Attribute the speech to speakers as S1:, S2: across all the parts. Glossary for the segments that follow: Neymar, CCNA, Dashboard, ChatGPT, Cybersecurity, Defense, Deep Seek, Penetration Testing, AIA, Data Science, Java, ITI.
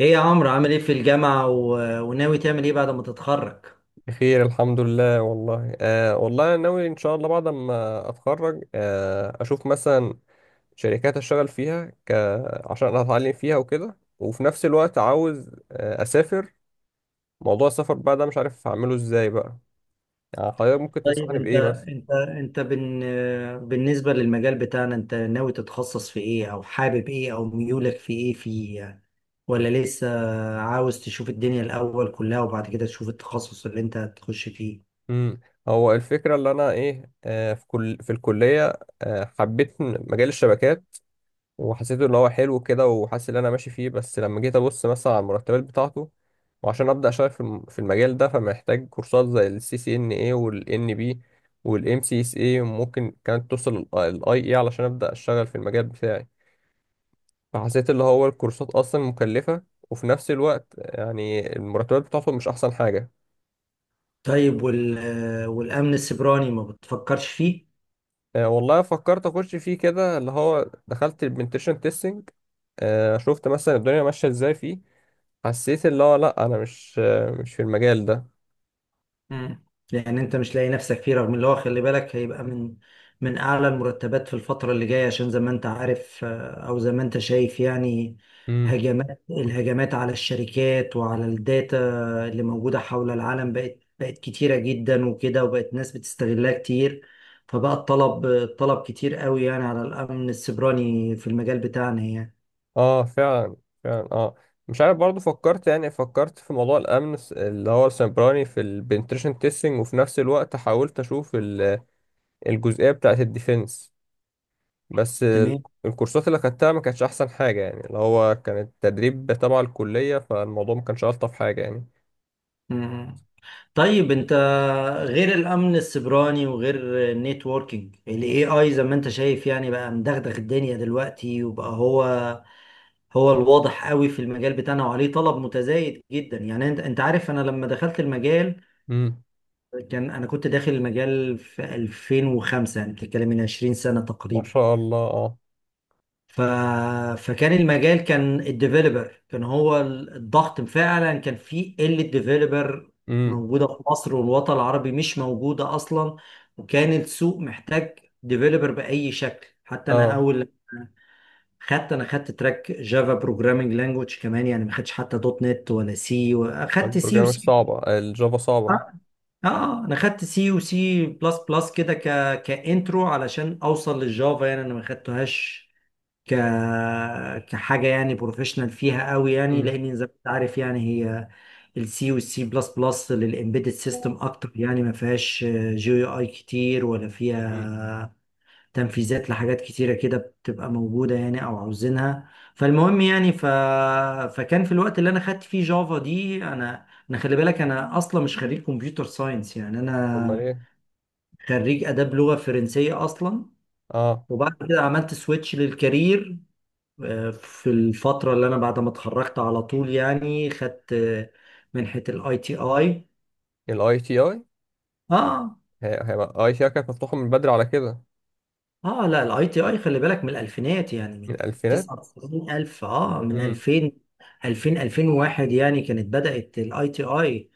S1: ايه يا عمرو، عامل ايه في الجامعة وناوي تعمل ايه بعد ما تتخرج؟
S2: بخير الحمد لله والله. والله أنا ناوي ان شاء الله بعد ما اتخرج اشوف مثلا شركات اشتغل فيها عشان أنا اتعلم فيها وكده، وفي نفس الوقت عاوز اسافر. موضوع السفر بقى ده مش عارف اعمله ازاي بقى. يعني حضرتك ممكن
S1: طيب
S2: تنصحني
S1: انت،
S2: بايه مثلا؟
S1: انت انت بن... بالنسبة للمجال بتاعنا، انت ناوي تتخصص في ايه او حابب ايه او ميولك في ايه فيه يعني، ولا لسه عاوز تشوف الدنيا الاول كلها وبعد كده تشوف التخصص اللي انت هتخش فيه؟
S2: امم هو الفكرة اللي انا ايه آه في الكلية حبيت مجال الشبكات. وحسيته اللي هو حلو كده، وحاسس ان انا ماشي فيه. بس لما جيت ابص مثلا على المرتبات بتاعته، وعشان ابدا اشتغل في المجال ده، فمحتاج كورسات زي السي سي ان اي والان بي والام سي اس اي، وممكن كانت توصل الاي اي علشان ابدا اشتغل في المجال بتاعي. فحسيت اللي هو الكورسات اصلا مكلفه، وفي نفس الوقت يعني المرتبات بتاعته مش احسن حاجه.
S1: طيب والامن السيبراني ما بتفكرش فيه؟
S2: والله فكرت اخش فيه كده اللي هو دخلت البنتشن تيستنج. شفت مثلا الدنيا ماشيه ازاي فيه، حسيت اللي هو لا، انا مش في المجال ده.
S1: مم. لان انت مش لاقي نفسك فيه، رغم اللي هو خلي بالك هيبقى من اعلى المرتبات في الفتره اللي جايه، عشان زي ما انت عارف، او زي ما انت شايف يعني،
S2: امم
S1: الهجمات على الشركات وعلى الداتا اللي موجوده حول العالم بقت كتيره جدا وكده، وبقت ناس بتستغلها كتير، فبقى الطلب كتير قوي يعني على الامن السيبراني في المجال بتاعنا يعني.
S2: اه، فعلا فعلا، اه. مش عارف برضو فكرت في موضوع الامن اللي هو السيبراني في البنتريشن تيستنج. وفي نفس الوقت حاولت اشوف الجزئيه بتاعه الديفense. بس
S1: تمام.
S2: الكورسات اللي خدتها ما كانتش احسن حاجه، يعني اللي هو كانت تدريب تبع الكليه. فالموضوع ما كانش الطف حاجه يعني.
S1: مم. طيب انت، غير الامن السيبراني وغير النيتوركينج، الاي اي زي ما انت شايف يعني بقى مدغدغ الدنيا دلوقتي، وبقى هو هو الواضح قوي في المجال بتاعنا وعليه طلب متزايد جدا يعني. انت عارف، انا لما دخلت المجال،
S2: امم.
S1: انا كنت داخل المجال في 2005، يعني بتتكلم من 20 سنة
S2: ما
S1: تقريبا.
S2: شاء الله، اه.
S1: ف... فكان المجال، كان الديفيلوبر كان هو الضغط، فعلا كان في قلة ديفيلوبر
S2: امم،
S1: موجودة في مصر، والوطن العربي مش موجودة أصلا. وكان السوق محتاج ديفيلوبر بأي شكل، حتى أنا
S2: اه.
S1: أول، خدت تراك جافا بروجرامينج لانجوج كمان يعني، ما خدتش حتى دوت نت ولا سي. خدت سي
S2: البروجرامينج
S1: وسي.
S2: صعبه، الجافا صعبه.
S1: اه. انا خدت سي وسي بلس بلس كده، كانترو علشان اوصل للجافا، يعني انا ما خدتهاش ك كحاجه يعني بروفيشنال فيها قوي يعني،
S2: امم،
S1: لان زي ما انت عارف يعني، هي السي والسي بلس بلس للامبيدد سيستم اكتر يعني، ما فيهاش جي يو اي كتير ولا فيها
S2: امم.
S1: تنفيذات لحاجات كتيره كده بتبقى موجوده يعني او عاوزينها. فالمهم يعني، فكان في الوقت اللي انا خدت فيه جافا دي، انا خلي بالك انا اصلا مش خريج كمبيوتر ساينس، يعني
S2: امال
S1: انا
S2: ايه؟
S1: خريج اداب لغه فرنسيه اصلا.
S2: اه.
S1: وبعد كده عملت سويتش للكارير، في الفترة اللي أنا بعد ما اتخرجت، على طول يعني خدت منحة الاي تي اي.
S2: الاي تي اي،
S1: اه.
S2: هيبقى اي تي اي كانت مفتوحه من بدري على كده؟
S1: اه، لا الاي تي اي خلي بالك من الألفينات، يعني
S2: من
S1: من
S2: الالفينات.
S1: 99000، من
S2: امم،
S1: 2000، 2000 2001 يعني كانت بدأت الاي تي اي.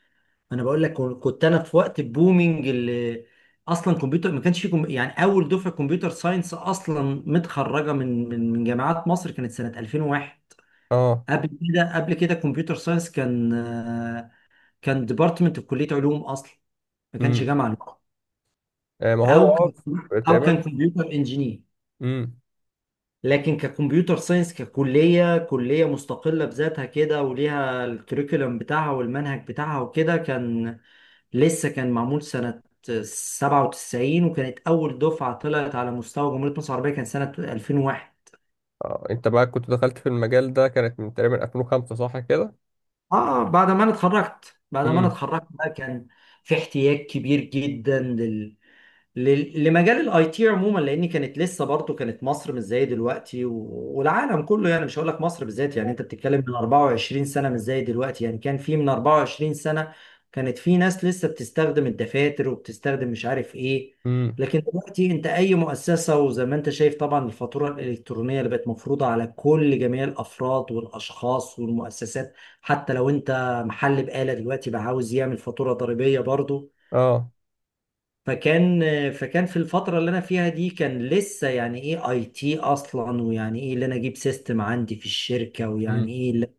S1: أنا بقول لك كنت أنا في وقت البومينج، اللي أصلا كمبيوتر ما كانش في يعني أول دفعة كمبيوتر ساينس أصلا متخرجة من جامعات مصر كانت سنة 2001.
S2: اه،
S1: قبل كده كمبيوتر ساينس كان ديبارتمنت في كليه علوم اصلا، ما كانش
S2: امم.
S1: جامعه لوحده.
S2: آه. ما هو
S1: او كان او
S2: تقريبا.
S1: كان كمبيوتر انجينير.
S2: امم.
S1: لكن ككمبيوتر ساينس، ككليه، كليه مستقله بذاتها كده وليها الكريكولم بتاعها والمنهج بتاعها وكده، كان لسه كان معمول سنه 97، وكانت اول دفعه طلعت على مستوى جمهوريه مصر العربيه كان سنه 2001.
S2: آه. انت بقى كنت دخلت في المجال ده كانت من تقريبا 2005، صح كده؟
S1: اه. بعد ما انا اتخرجت بعد ما انا
S2: امم،
S1: اتخرجت بقى كان في احتياج كبير جدا لمجال الاي تي عموما، لان كانت لسه برضه كانت مصر مش زي دلوقتي والعالم كله يعني، مش هقول لك مصر بالذات يعني، انت بتتكلم من 24 سنه مش زي دلوقتي. يعني كان في من 24 سنه كانت في ناس لسه بتستخدم الدفاتر، وبتستخدم مش عارف ايه.
S2: امم،
S1: لكن دلوقتي انت اي مؤسسه، وزي ما انت شايف طبعا الفاتوره الالكترونيه اللي بقت مفروضه على كل جميع الافراد والاشخاص والمؤسسات، حتى لو انت محل بقاله دلوقتي بقى عاوز يعمل فاتوره ضريبيه برضه.
S2: اه،
S1: فكان فكان في الفترة اللي أنا فيها دي، كان لسه يعني إيه أي تي أصلا، ويعني إيه اللي أنا أجيب سيستم عندي في الشركة، ويعني
S2: امم،
S1: إيه ال-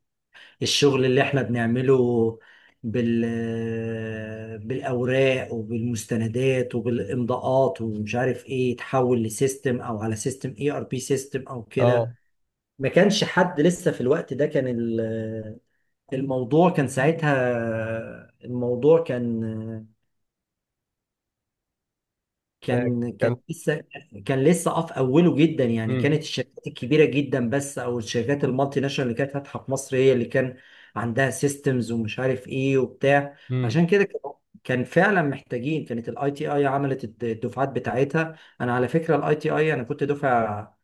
S1: الشغل اللي إحنا بنعمله بال بالأوراق وبالمستندات وبالإمضاءات ومش عارف إيه، يتحول لسيستم أو على سيستم إي آر بي سيستم أو كده.
S2: اه.
S1: ما كانش حد لسه في الوقت ده. كان الموضوع كان ساعتها، الموضوع كان
S2: آه،
S1: كان كان
S2: كان.
S1: لسه، كان لسه في اوله جدا يعني.
S2: امم،
S1: كانت الشركات الكبيره جدا بس، او الشركات المالتي ناشونال اللي كانت فاتحه في مصر، هي اللي كان عندها سيستمز ومش عارف ايه وبتاع.
S2: امم.
S1: عشان كده كان، كان فعلا محتاجين، كانت الاي تي اي عملت الدفعات بتاعتها. انا على فكره الاي تي اي، انا كنت دفعه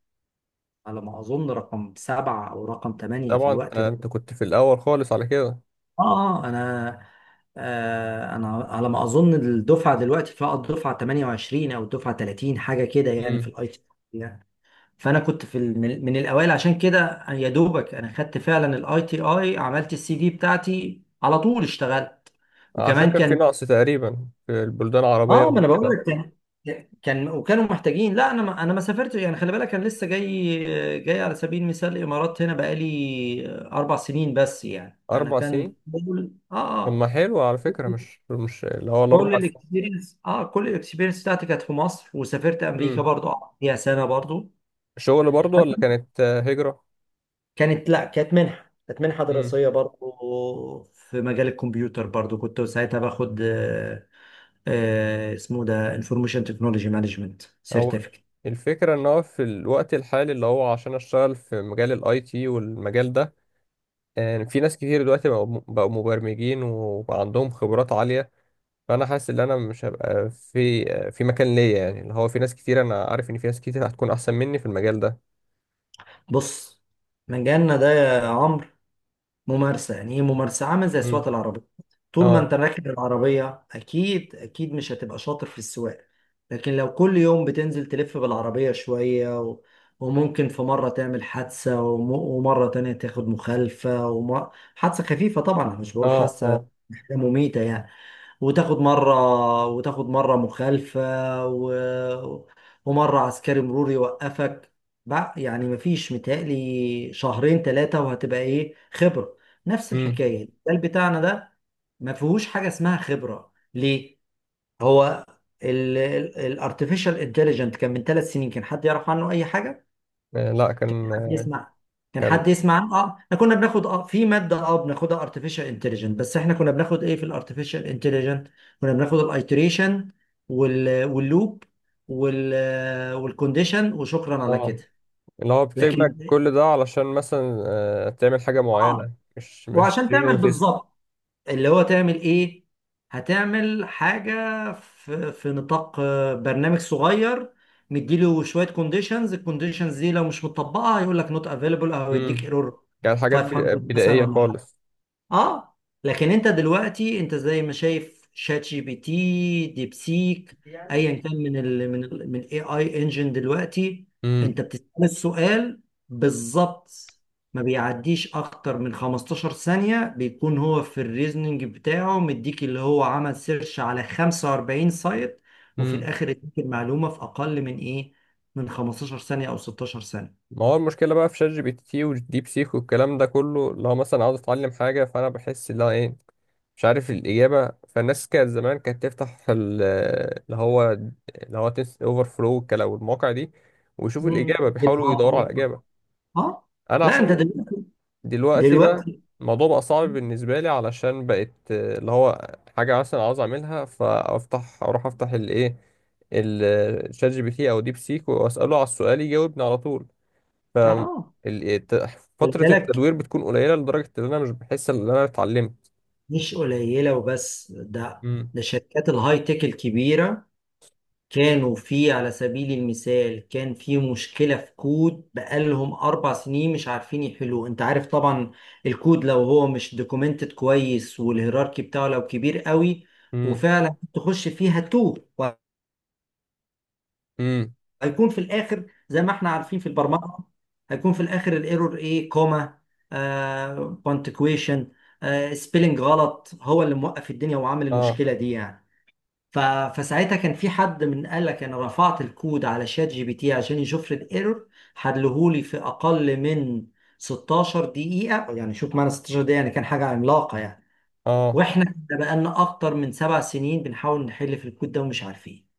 S1: على ما اظن رقم 7 او رقم 8 في
S2: طبعا انت
S1: الوقت ده.
S2: أنت كنت في الاول خالص على كده.
S1: اه. انا، انا على ما اظن الدفعه دلوقتي فيها الدفعه 28 او الدفعه 30، حاجه كده يعني في
S2: امم.
S1: الاي تي يعني. فانا كنت في من الاوائل، عشان كده يا دوبك انا خدت فعلا الاي تي اي، عملت السي في بتاعتي على طول اشتغلت.
S2: عشان
S1: وكمان
S2: كان في
S1: كان،
S2: نقص تقريبا في البلدان العربيه
S1: اه ما انا بقول
S2: وكده.
S1: لك كان وكانوا محتاجين. لا انا، ما سافرتش يعني، خلي بالك انا لسه جاي على سبيل المثال، الامارات هنا بقالي 4 سنين بس يعني. انا
S2: اربع سنين.
S1: كان
S2: طب ما
S1: اه.
S2: حلو، على فكره.
S1: اه،
S2: مش اللي هو الاربع
S1: كل الاكسبيرينس بتاعتي كانت في مصر، وسافرت امريكا
S2: سنين،
S1: برضو، قعدت فيها سنه برضو.
S2: شغل برضه ولا كانت هجرة؟
S1: كانت، لا كانت منحه
S2: امم
S1: دراسيه برضو في مجال الكمبيوتر برضو، كنت ساعتها باخد اسمه ده انفورميشن تكنولوجي مانجمنت
S2: هو
S1: سيرتيفيكت.
S2: الفكرة ان هو في الوقت الحالي، اللي هو عشان اشتغل في مجال الاي تي والمجال ده، يعني في ناس كتير دلوقتي بقوا مبرمجين وبقى عندهم خبرات عالية. فانا حاسس ان انا مش هبقى في في مكان ليا، يعني اللي هو في ناس كتير. انا عارف ان في ناس كتير هتكون احسن مني في المجال ده.
S1: بص، مجالنا ده يا عمرو ممارسة. يعني ايه ممارسة؟ عامل زي
S2: امم،
S1: سواقة العربية، طول ما
S2: اه،
S1: انت راكب العربية اكيد اكيد مش هتبقى شاطر في السواقة. لكن لو كل يوم بتنزل تلف بالعربية شوية، وممكن في مرة تعمل حادثة، ومرة تانية تاخد مخالفة، حادثة خفيفة طبعا، أنا مش بقول
S2: اه،
S1: حادثة
S2: اه،
S1: حاجة مميتة يعني. وتاخد مرة مخالفة، و... ومرة عسكري مرور يوقفك، بقى يعني مفيش. متهيألي شهرين ثلاثة وهتبقى ايه خبرة. نفس
S2: امم.
S1: الحكاية المجال بتاعنا ده، ما فيهوش حاجة اسمها خبرة ليه؟ هو الارتفيشال انتليجنت كان من 3 سنين كان حد يعرف عنه اي حاجة؟
S2: آه، لا. كان
S1: حد
S2: آه،
S1: يسمع كان
S2: كان
S1: حد يسمع عنه؟ اه، احنا كنا بناخد في ماده بناخدها ارتفيشال انتليجنت، بس احنا كنا بناخد ايه في الارتفيشال انتليجنت؟ كنا بناخد الايتريشن، واللوب، وال والكونديشن، وشكرا على
S2: اه.
S1: كده.
S2: اللي هو بتجمع
S1: لكن
S2: كل ده علشان مثلا تعمل حاجة
S1: اه،
S2: معينة مش مفيش.
S1: وعشان تعمل بالظبط، اللي هو تعمل ايه، هتعمل حاجة في, نطاق برنامج صغير. مديله شوية كونديشنز، الكونديشنز دي لو مش مطبقة هيقول لك نوت افيلبل، او يديك
S2: امم
S1: ايرور
S2: كانت حاجات
S1: 500 مثلا
S2: بدائية
S1: ولا.
S2: خالص.
S1: اه. لكن انت دلوقتي، انت زي ما شايف شات جي بي تي، ديبسيك، ايا كان من اي اي انجن دلوقتي،
S2: امم،
S1: انت بتسأل السؤال بالظبط، ما بيعديش اكتر من 15 ثانية، بيكون هو في الريزنينج بتاعه، مديك اللي هو عمل سيرش على 45 سايت، وفي
S2: امم.
S1: الاخر اديك المعلومة في اقل من ايه، من 15 ثانية او 16 ثانية.
S2: ما هو المشكلة بقى في شات جي بي تي والديب سيك والكلام ده كله، لو مثلا عاوز اتعلم حاجة، فانا بحس ان انا مش عارف الإجابة. فالناس كانت زمان كانت تفتح اللي هو تنس اوفر فلو والكلام والمواقع دي، ويشوفوا
S1: مم.
S2: الإجابة،
S1: جيت
S2: بيحاولوا يدوروا على
S1: هاب.
S2: الإجابة.
S1: اه،
S2: انا
S1: لا انت
S2: عشان
S1: دلوقتي
S2: دلوقتي بقى
S1: دلوقتي
S2: الموضوع بقى صعب بالنسبة لي، علشان بقت اللي هو حاجة مثلا عاوز أعملها، فأفتح أروح أفتح الشات جي بي تي أو ديب سيك، وأسأله على السؤال يجاوبني على طول. ف ال-
S1: اه
S2: الت-
S1: خلي
S2: فترة
S1: بالك،
S2: التدوير بتكون قليلة لدرجة إن أنا مش بحس إن أنا اتعلمت.
S1: مش قليلة وبس، ده
S2: امم،
S1: ده شركات الهاي تك الكبيرة، كانوا في على سبيل المثال كان في مشكلة في كود بقالهم 4 سنين مش عارفين يحلوه. أنت عارف طبعا الكود لو هو مش دوكومنتد كويس والهيراركي بتاعه لو كبير قوي،
S2: امم،
S1: وفعلا تخش فيها توه،
S2: امم،
S1: هيكون في الاخر زي ما احنا عارفين في البرمجه، هيكون في الاخر الايرور ايه؟ كوما، آه، بونتكويشن، آه، سبيلنج غلط هو اللي موقف الدنيا وعامل
S2: اه،
S1: المشكله دي يعني. ف... فساعتها كان في حد من قال لك انا رفعت الكود على شات جي بي تي عشان يشوف لي الايرور، حلهولي في اقل من 16 دقيقه يعني، شوف معنا 16 دقيقه يعني كان حاجه عملاقه يعني.
S2: اه.
S1: واحنا بقالنا اكتر من 7 سنين بنحاول نحل في الكود ده ومش عارفين.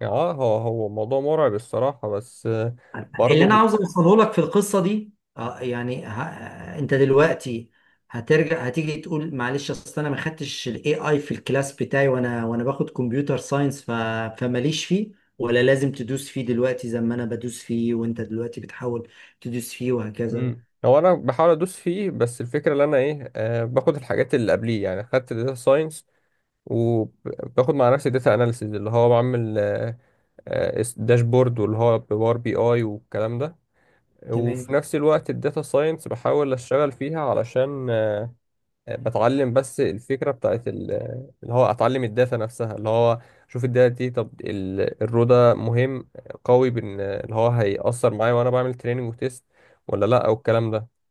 S2: يعني اه، هو موضوع مرعب الصراحة، بس
S1: اللي انا
S2: برضه.
S1: عاوز اوصله لك في القصه دي، يعني انت دلوقتي هترجع هتيجي تقول معلش اصل انا ما خدتش الاي اي في الكلاس بتاعي، وانا باخد كمبيوتر ساينس، فماليش فيه، ولا لازم تدوس فيه دلوقتي زي ما انا بدوس فيه، وانت دلوقتي بتحاول تدوس فيه وهكذا.
S2: هو انا بحاول ادوس فيه، بس الفكره اللي انا ايه آه باخد الحاجات اللي قبليه. يعني خدت داتا ساينس، وباخد مع نفسي داتا اناليسيز اللي هو بعمل داشبورد واللي هو بباور بي اي والكلام ده.
S1: تمام.
S2: وفي نفس الوقت الداتا ساينس بحاول اشتغل فيها علشان بتعلم. بس الفكره بتاعت اللي هو اتعلم الداتا نفسها، اللي هو شوف الداتا دي. طب الرو ده مهم قوي، بان اللي هو هيأثر معايا وانا بعمل تريننج وتيست ولا لا او الكلام ده.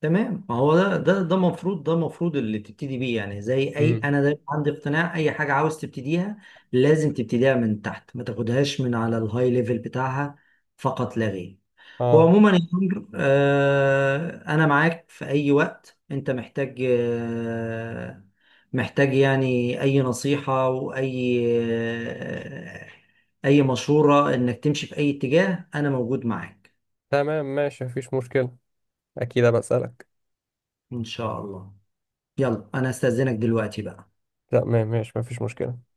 S1: تمام، ما هو ده المفروض اللي تبتدي بيه يعني، زي اي،
S2: امم،
S1: انا دايما عندي اقتناع اي حاجه عاوز تبتديها لازم تبتديها من تحت، ما تاخدهاش من على الهاي ليفل بتاعها فقط لا غير.
S2: اه،
S1: وعموما يا عمرو، انا معاك في اي وقت انت محتاج، محتاج يعني اي نصيحه واي اي مشوره انك تمشي في اي اتجاه، انا موجود معاك.
S2: تمام ماشي مفيش مشكلة. أكيد أبقى أسألك.
S1: ان شاء الله. يلا انا استاذنك دلوقتي بقى.
S2: تمام ماشي مفيش مشكلة.